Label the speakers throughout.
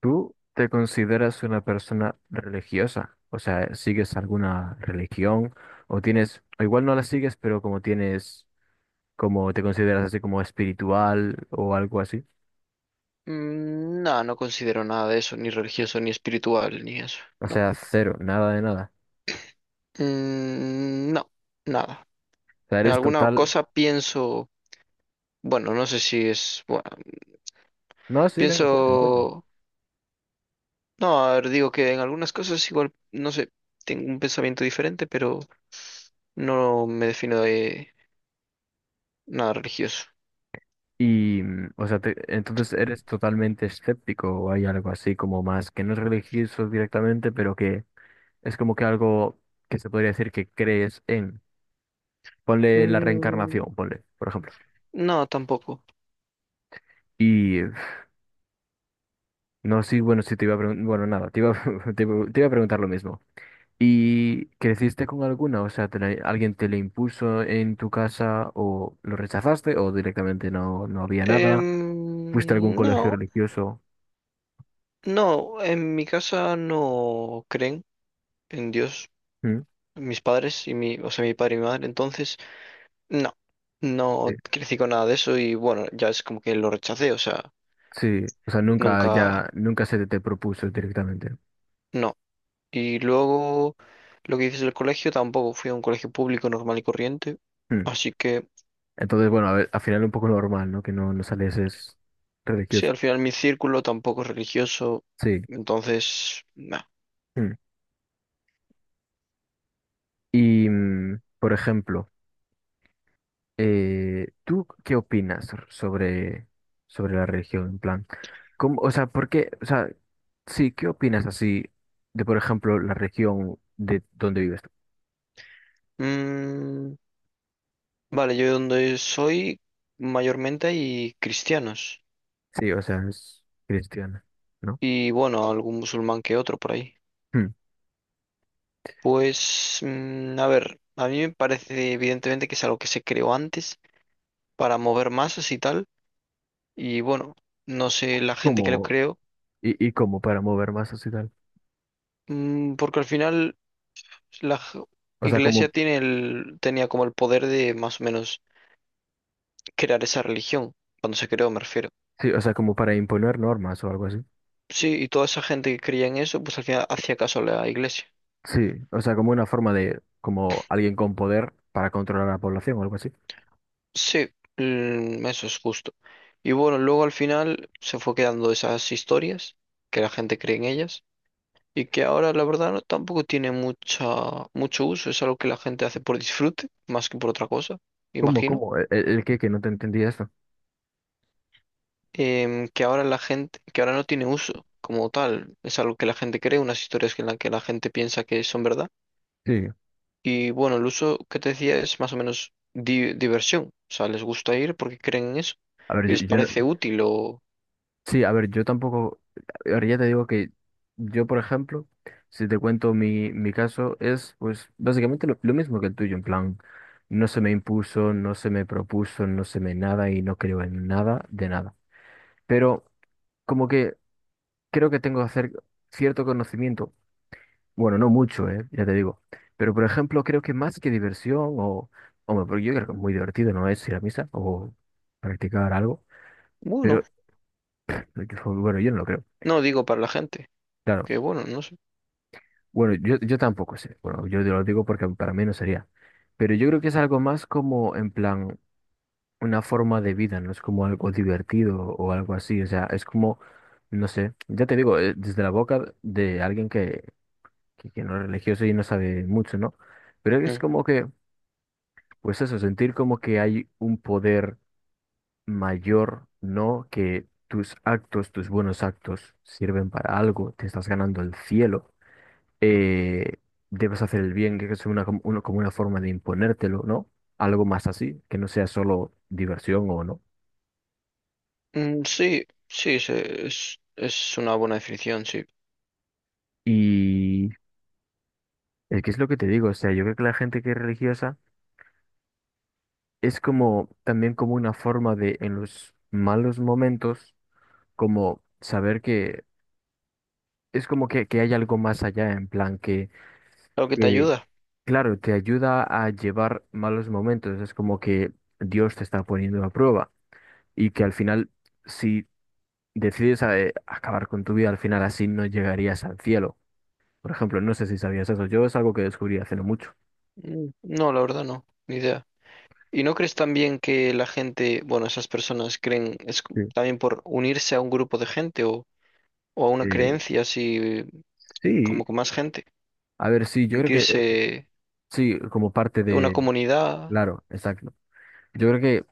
Speaker 1: ¿Tú te consideras una persona religiosa? O sea, ¿sigues alguna religión? O tienes, o igual no la sigues, pero como tienes, como te consideras así como espiritual o algo así.
Speaker 2: Mm. No, no considero nada de eso, ni religioso, ni espiritual, ni eso,
Speaker 1: O
Speaker 2: no.
Speaker 1: sea, cero, nada de nada.
Speaker 2: Mm, no, nada.
Speaker 1: O sea,
Speaker 2: En
Speaker 1: eres
Speaker 2: alguna
Speaker 1: total.
Speaker 2: cosa pienso, bueno, no sé si es, bueno,
Speaker 1: No, sí, venga, cuéntame, cuéntame.
Speaker 2: pienso, no, a ver, digo que en algunas cosas igual, no sé, tengo un pensamiento diferente, pero no me defino de nada religioso.
Speaker 1: Y, o sea, entonces eres totalmente escéptico o hay algo así como más que no es religioso directamente, pero que es como que algo que se podría decir que crees en. Ponle la
Speaker 2: Mm,
Speaker 1: reencarnación, ponle, por ejemplo.
Speaker 2: no, tampoco.
Speaker 1: No, sí, bueno, sí te iba a preguntar, bueno, nada, te iba, te iba a preguntar lo mismo. ¿Y creciste con alguna? O sea, ¿alguien te la impuso en tu casa o lo rechazaste o directamente no había nada? ¿Fuiste a algún colegio
Speaker 2: No,
Speaker 1: religioso?
Speaker 2: no, en mi casa no creen en Dios.
Speaker 1: ¿Mm?
Speaker 2: Mis padres y o sea, mi padre y mi madre, entonces, no, no
Speaker 1: Sí,
Speaker 2: crecí con nada de eso y bueno, ya es como que lo rechacé, o sea,
Speaker 1: sí, o sea, nunca
Speaker 2: nunca,
Speaker 1: ya, nunca se te propuso directamente.
Speaker 2: no. Y luego, lo que dices del colegio, tampoco fui a un colegio público normal y corriente,
Speaker 1: ¿Mm?
Speaker 2: así que,
Speaker 1: Entonces, bueno, a ver, al final un poco normal, ¿no? Que no salieses
Speaker 2: sí,
Speaker 1: religioso.
Speaker 2: al final mi círculo tampoco es religioso,
Speaker 1: Sí.
Speaker 2: entonces, no.
Speaker 1: ¿Mm? Y, por ejemplo, ¿tú qué opinas sobre, sobre la religión? En plan, ¿cómo, o sea, por qué, o sea, sí, ¿qué opinas así de, por ejemplo, la región de donde vives tú?
Speaker 2: Mm. Vale, yo donde soy, mayormente hay cristianos
Speaker 1: Sí, o sea, es cristiana, ¿no?
Speaker 2: y bueno, algún musulmán que otro por ahí.
Speaker 1: Hmm.
Speaker 2: Pues, a ver, a mí me parece evidentemente que es algo que se creó antes para mover masas y tal. Y bueno, no sé la gente que lo
Speaker 1: ¿Cómo?
Speaker 2: creó.
Speaker 1: Y cómo para mover masas y tal?
Speaker 2: Porque al final la
Speaker 1: O sea,
Speaker 2: iglesia
Speaker 1: como,
Speaker 2: tenía como el poder de más o menos crear esa religión, cuando se creó, me refiero.
Speaker 1: sí, o sea, como para imponer normas o algo así.
Speaker 2: Sí, y toda esa gente que creía en eso, pues al final hacía caso a la iglesia.
Speaker 1: Sí, o sea, como una forma de, como alguien con poder para controlar a la población o algo así.
Speaker 2: Sí, eso es justo. Y bueno, luego al final se fue quedando esas historias, que la gente cree en ellas. Y que ahora la verdad no, tampoco tiene mucho uso, es algo que la gente hace por disfrute, más que por otra cosa,
Speaker 1: ¿Cómo,
Speaker 2: imagino.
Speaker 1: cómo? ¿El qué? Que no te entendía esto.
Speaker 2: Que ahora no tiene uso como tal, es algo que la gente cree, unas historias que en las que la gente piensa que son verdad,
Speaker 1: Sí.
Speaker 2: y bueno, el uso que te decía es más o menos diversión, o sea, les gusta ir porque creen en eso,
Speaker 1: A ver,
Speaker 2: y
Speaker 1: yo,
Speaker 2: les
Speaker 1: yo
Speaker 2: parece
Speaker 1: no-
Speaker 2: útil o
Speaker 1: Sí, a ver, yo tampoco, ahora ya te digo que yo, por ejemplo, si te cuento mi caso, es pues básicamente lo mismo que el tuyo, en plan, no se me impuso, no se me propuso, no se me nada y no creo en nada de nada. Pero como que creo que tengo que hacer cierto conocimiento, bueno, no mucho, ya te digo, pero por ejemplo, creo que más que diversión o, hombre, porque yo creo que muy divertido no es ir a misa o practicar algo,
Speaker 2: bueno,
Speaker 1: pero bueno, yo no lo creo.
Speaker 2: no digo para la gente,
Speaker 1: Claro.
Speaker 2: que bueno, no sé.
Speaker 1: Bueno, yo tampoco sé. Bueno, yo te lo digo porque para mí no sería. Pero yo creo que es algo más como, en plan, una forma de vida, no es como algo divertido o algo así. O sea, es como, no sé, ya te digo, desde la boca de alguien que no es religioso y no sabe mucho, ¿no? Pero es
Speaker 2: Mm.
Speaker 1: como que, pues eso, sentir como que hay un poder mayor, ¿no? Que tus actos, tus buenos actos sirven para algo, te estás ganando el cielo, eh, debes hacer el bien, que es una, como una forma de imponértelo, ¿no? Algo más así, que no sea solo diversión o no.
Speaker 2: Mm, sí, sí, es una buena definición, sí.
Speaker 1: Y es que es lo que te digo, o sea, yo creo que la gente que es religiosa es como también como una forma de, en los malos momentos, como saber que es como que hay algo más allá, en plan
Speaker 2: Algo que te
Speaker 1: que,
Speaker 2: ayuda.
Speaker 1: claro, te ayuda a llevar malos momentos, es como que Dios te está poniendo a prueba y que al final... Si decides acabar con tu vida, al final así no llegarías al cielo. Por ejemplo, no sé si sabías eso, yo es algo que descubrí hace no mucho.
Speaker 2: Mm, no, la verdad no, ni idea. ¿Y no crees también que la gente, bueno, esas personas creen,
Speaker 1: Sí.
Speaker 2: también por unirse a un grupo de gente o a una
Speaker 1: Eh,
Speaker 2: creencia así,
Speaker 1: sí,
Speaker 2: como con más gente?
Speaker 1: a ver, sí, yo creo que
Speaker 2: Sentirse
Speaker 1: sí, como parte
Speaker 2: una
Speaker 1: de,
Speaker 2: comunidad.
Speaker 1: claro, exacto. Yo creo que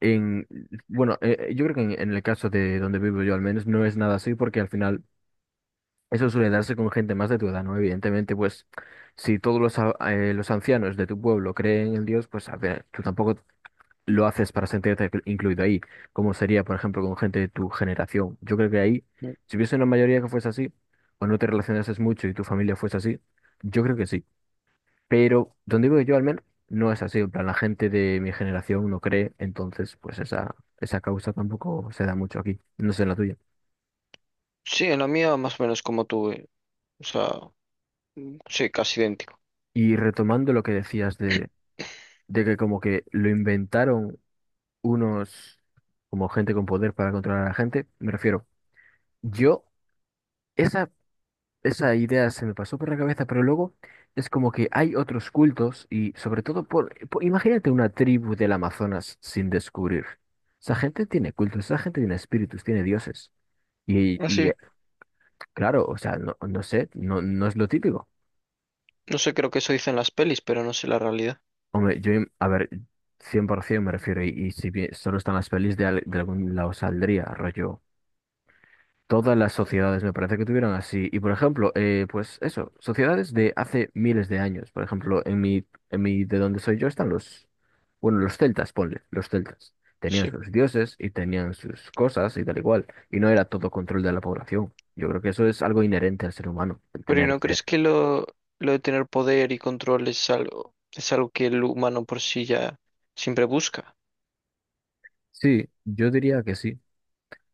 Speaker 1: en, bueno, yo creo que en el caso de donde vivo yo al menos no es nada así porque al final eso suele darse con gente más de tu edad, ¿no? Evidentemente, pues si todos los, los ancianos de tu pueblo creen en Dios, pues a ver, tú tampoco lo haces para sentirte incluido ahí, como sería, por ejemplo, con gente de tu generación. Yo creo que ahí,
Speaker 2: Mm.
Speaker 1: si hubiese una mayoría que fuese así, o no te relacionases mucho y tu familia fuese así, yo creo que sí. Pero donde vivo yo al menos, no es así. En plan, la gente de mi generación no cree, entonces, pues esa causa tampoco se da mucho aquí, no sé en la tuya.
Speaker 2: Sí, en la mía más o menos como tú, o sea, sí, casi idéntico.
Speaker 1: Y retomando lo que decías de que como que lo inventaron unos, como gente con poder para controlar a la gente, me refiero, yo... Esa esa idea se me pasó por la cabeza, pero luego es como que hay otros cultos y sobre todo por, imagínate una tribu del Amazonas sin descubrir. Esa gente tiene cultos, esa gente tiene espíritus, tiene dioses. Y,
Speaker 2: Así,
Speaker 1: claro, o sea, no, no sé, no, no es lo típico.
Speaker 2: no sé, creo que eso dicen las pelis, pero no sé la realidad.
Speaker 1: Hombre, yo, a ver, 100% me refiero, y si bien solo están las pelis de, de algún lado saldría, rollo. Todas las sociedades me parece que tuvieron así. Y por ejemplo, pues eso, sociedades de hace miles de años. Por ejemplo, de donde soy yo están los, bueno, los celtas, ponle, los celtas. Tenían
Speaker 2: Sí.
Speaker 1: sus dioses y tenían sus cosas y tal igual. Y no era todo control de la población. Yo creo que eso es algo inherente al ser humano, el
Speaker 2: Pero, ¿y
Speaker 1: tener
Speaker 2: no
Speaker 1: que...
Speaker 2: crees que lo de tener poder y control es algo que el humano por sí ya siempre busca?
Speaker 1: Sí, yo diría que sí.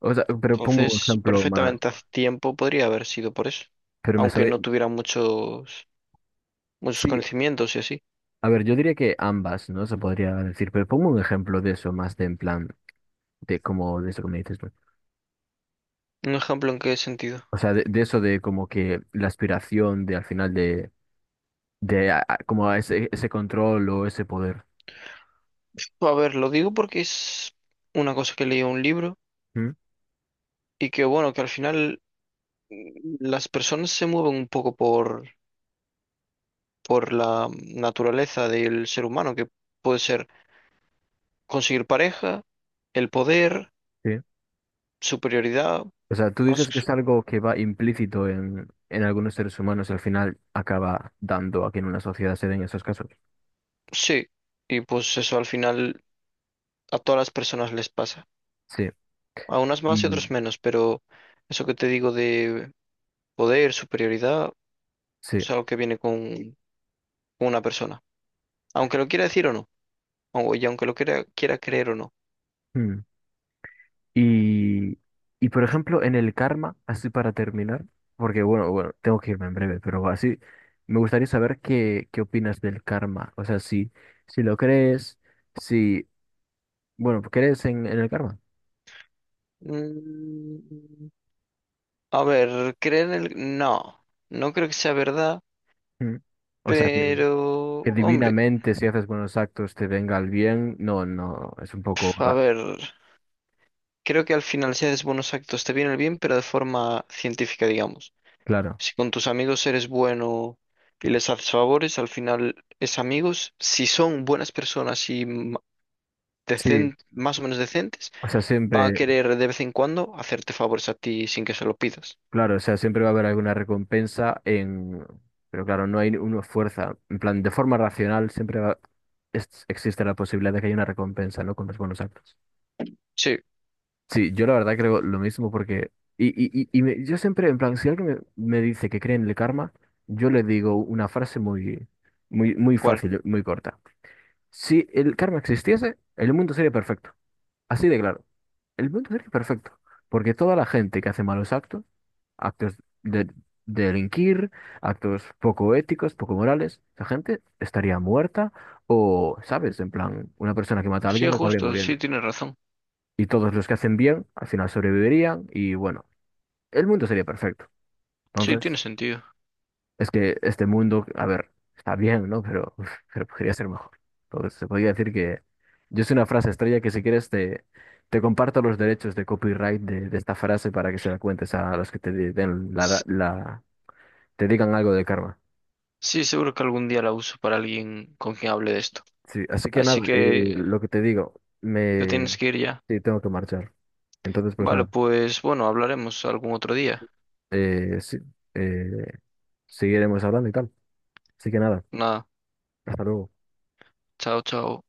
Speaker 1: O sea, pero pongo un
Speaker 2: Entonces,
Speaker 1: ejemplo más.
Speaker 2: perfectamente hace tiempo podría haber sido por eso,
Speaker 1: Pero me
Speaker 2: aunque
Speaker 1: sabe...
Speaker 2: no tuviera muchos, muchos
Speaker 1: Sí,
Speaker 2: conocimientos y así.
Speaker 1: a ver, yo diría que ambas, ¿no? Se podría decir, pero pongo un ejemplo de eso más de en plan, de como de eso que me dices.
Speaker 2: ¿Un ejemplo en qué sentido?
Speaker 1: O sea, de eso de como que la aspiración de al final de como a ese control o ese poder.
Speaker 2: A ver, lo digo porque es una cosa que leí en un libro
Speaker 1: ¿Mm?
Speaker 2: y que, bueno, que al final las personas se mueven un poco por la naturaleza del ser humano, que puede ser conseguir pareja, el poder,
Speaker 1: Sí.
Speaker 2: superioridad,
Speaker 1: O sea, tú dices que
Speaker 2: más,
Speaker 1: es algo que va implícito en algunos seres humanos y al final acaba dando a que en una sociedad se den esos casos.
Speaker 2: sí. Y pues eso al final a todas las personas les pasa.
Speaker 1: Sí.
Speaker 2: A unas más y
Speaker 1: Y-
Speaker 2: otros menos, pero eso que te digo de poder, superioridad,
Speaker 1: Sí.
Speaker 2: es algo que viene con una persona. Aunque lo quiera decir o no, y aunque lo quiera creer o no.
Speaker 1: Mm. Y, y por ejemplo, en el karma, así para terminar, porque bueno, bueno, tengo que irme en breve, pero así me gustaría saber qué, qué opinas del karma. O sea, si, si lo crees. Si, bueno, pues crees en el karma.
Speaker 2: Mm, a ver, creer en el— No, no creo que sea verdad,
Speaker 1: Mm. O sea, que
Speaker 2: pero— Hombre,
Speaker 1: divinamente si haces buenos actos te venga el bien, no, no, es un poco
Speaker 2: pf, a
Speaker 1: raro.
Speaker 2: ver, creo que al final si haces buenos actos te viene el bien, pero de forma científica, digamos.
Speaker 1: Claro,
Speaker 2: Si con tus amigos eres bueno y les haces favores, al final es amigos. Si son buenas personas y
Speaker 1: sí,
Speaker 2: más o menos decentes,
Speaker 1: o sea,
Speaker 2: van a querer de vez en cuando hacerte favores a ti sin que se lo pidas.
Speaker 1: claro, o sea, siempre va a haber alguna recompensa en, pero claro, no hay una fuerza, en plan, de forma racional siempre existe la posibilidad de que haya una recompensa, ¿no? Con los buenos actos.
Speaker 2: Sí,
Speaker 1: Sí, yo la verdad creo lo mismo porque... Y, y yo siempre, en plan, si alguien me, me dice que cree en el karma, yo le digo una frase muy, muy, muy
Speaker 2: ¿cuál?
Speaker 1: fácil, muy corta. Si el karma existiese, el mundo sería perfecto. Así de claro. El mundo sería perfecto. Porque toda la gente que hace malos actos, actos de, de delinquir, actos poco éticos, poco morales, la gente estaría muerta o, ¿sabes? En plan, una persona que mata a
Speaker 2: Sí,
Speaker 1: alguien acabaría
Speaker 2: justo,
Speaker 1: muriendo
Speaker 2: sí, tienes razón.
Speaker 1: y todos los que hacen bien al final sobrevivirían y bueno, el mundo sería perfecto.
Speaker 2: Sí, tiene
Speaker 1: Entonces,
Speaker 2: sentido.
Speaker 1: es que este mundo, a ver, está bien, ¿no? Pero, uf, pero podría ser mejor. Entonces, se podría decir que yo sé una frase estrella que si quieres te, te comparto los derechos de copyright de esta frase para que se la cuentes a los que te di- den la,
Speaker 2: S-
Speaker 1: la- te digan algo de karma.
Speaker 2: Sí, seguro que algún día la uso para alguien con quien hable de esto.
Speaker 1: Sí, así que
Speaker 2: Así
Speaker 1: nada,
Speaker 2: que
Speaker 1: lo que te digo,
Speaker 2: te tienes
Speaker 1: me...
Speaker 2: que ir ya.
Speaker 1: Sí, tengo que marchar. Entonces, pues
Speaker 2: Vale,
Speaker 1: nada,
Speaker 2: pues bueno, hablaremos algún otro día.
Speaker 1: sí, eh, seguiremos hablando y tal. Así que nada.
Speaker 2: Nada,
Speaker 1: Hasta luego.
Speaker 2: chao, chao.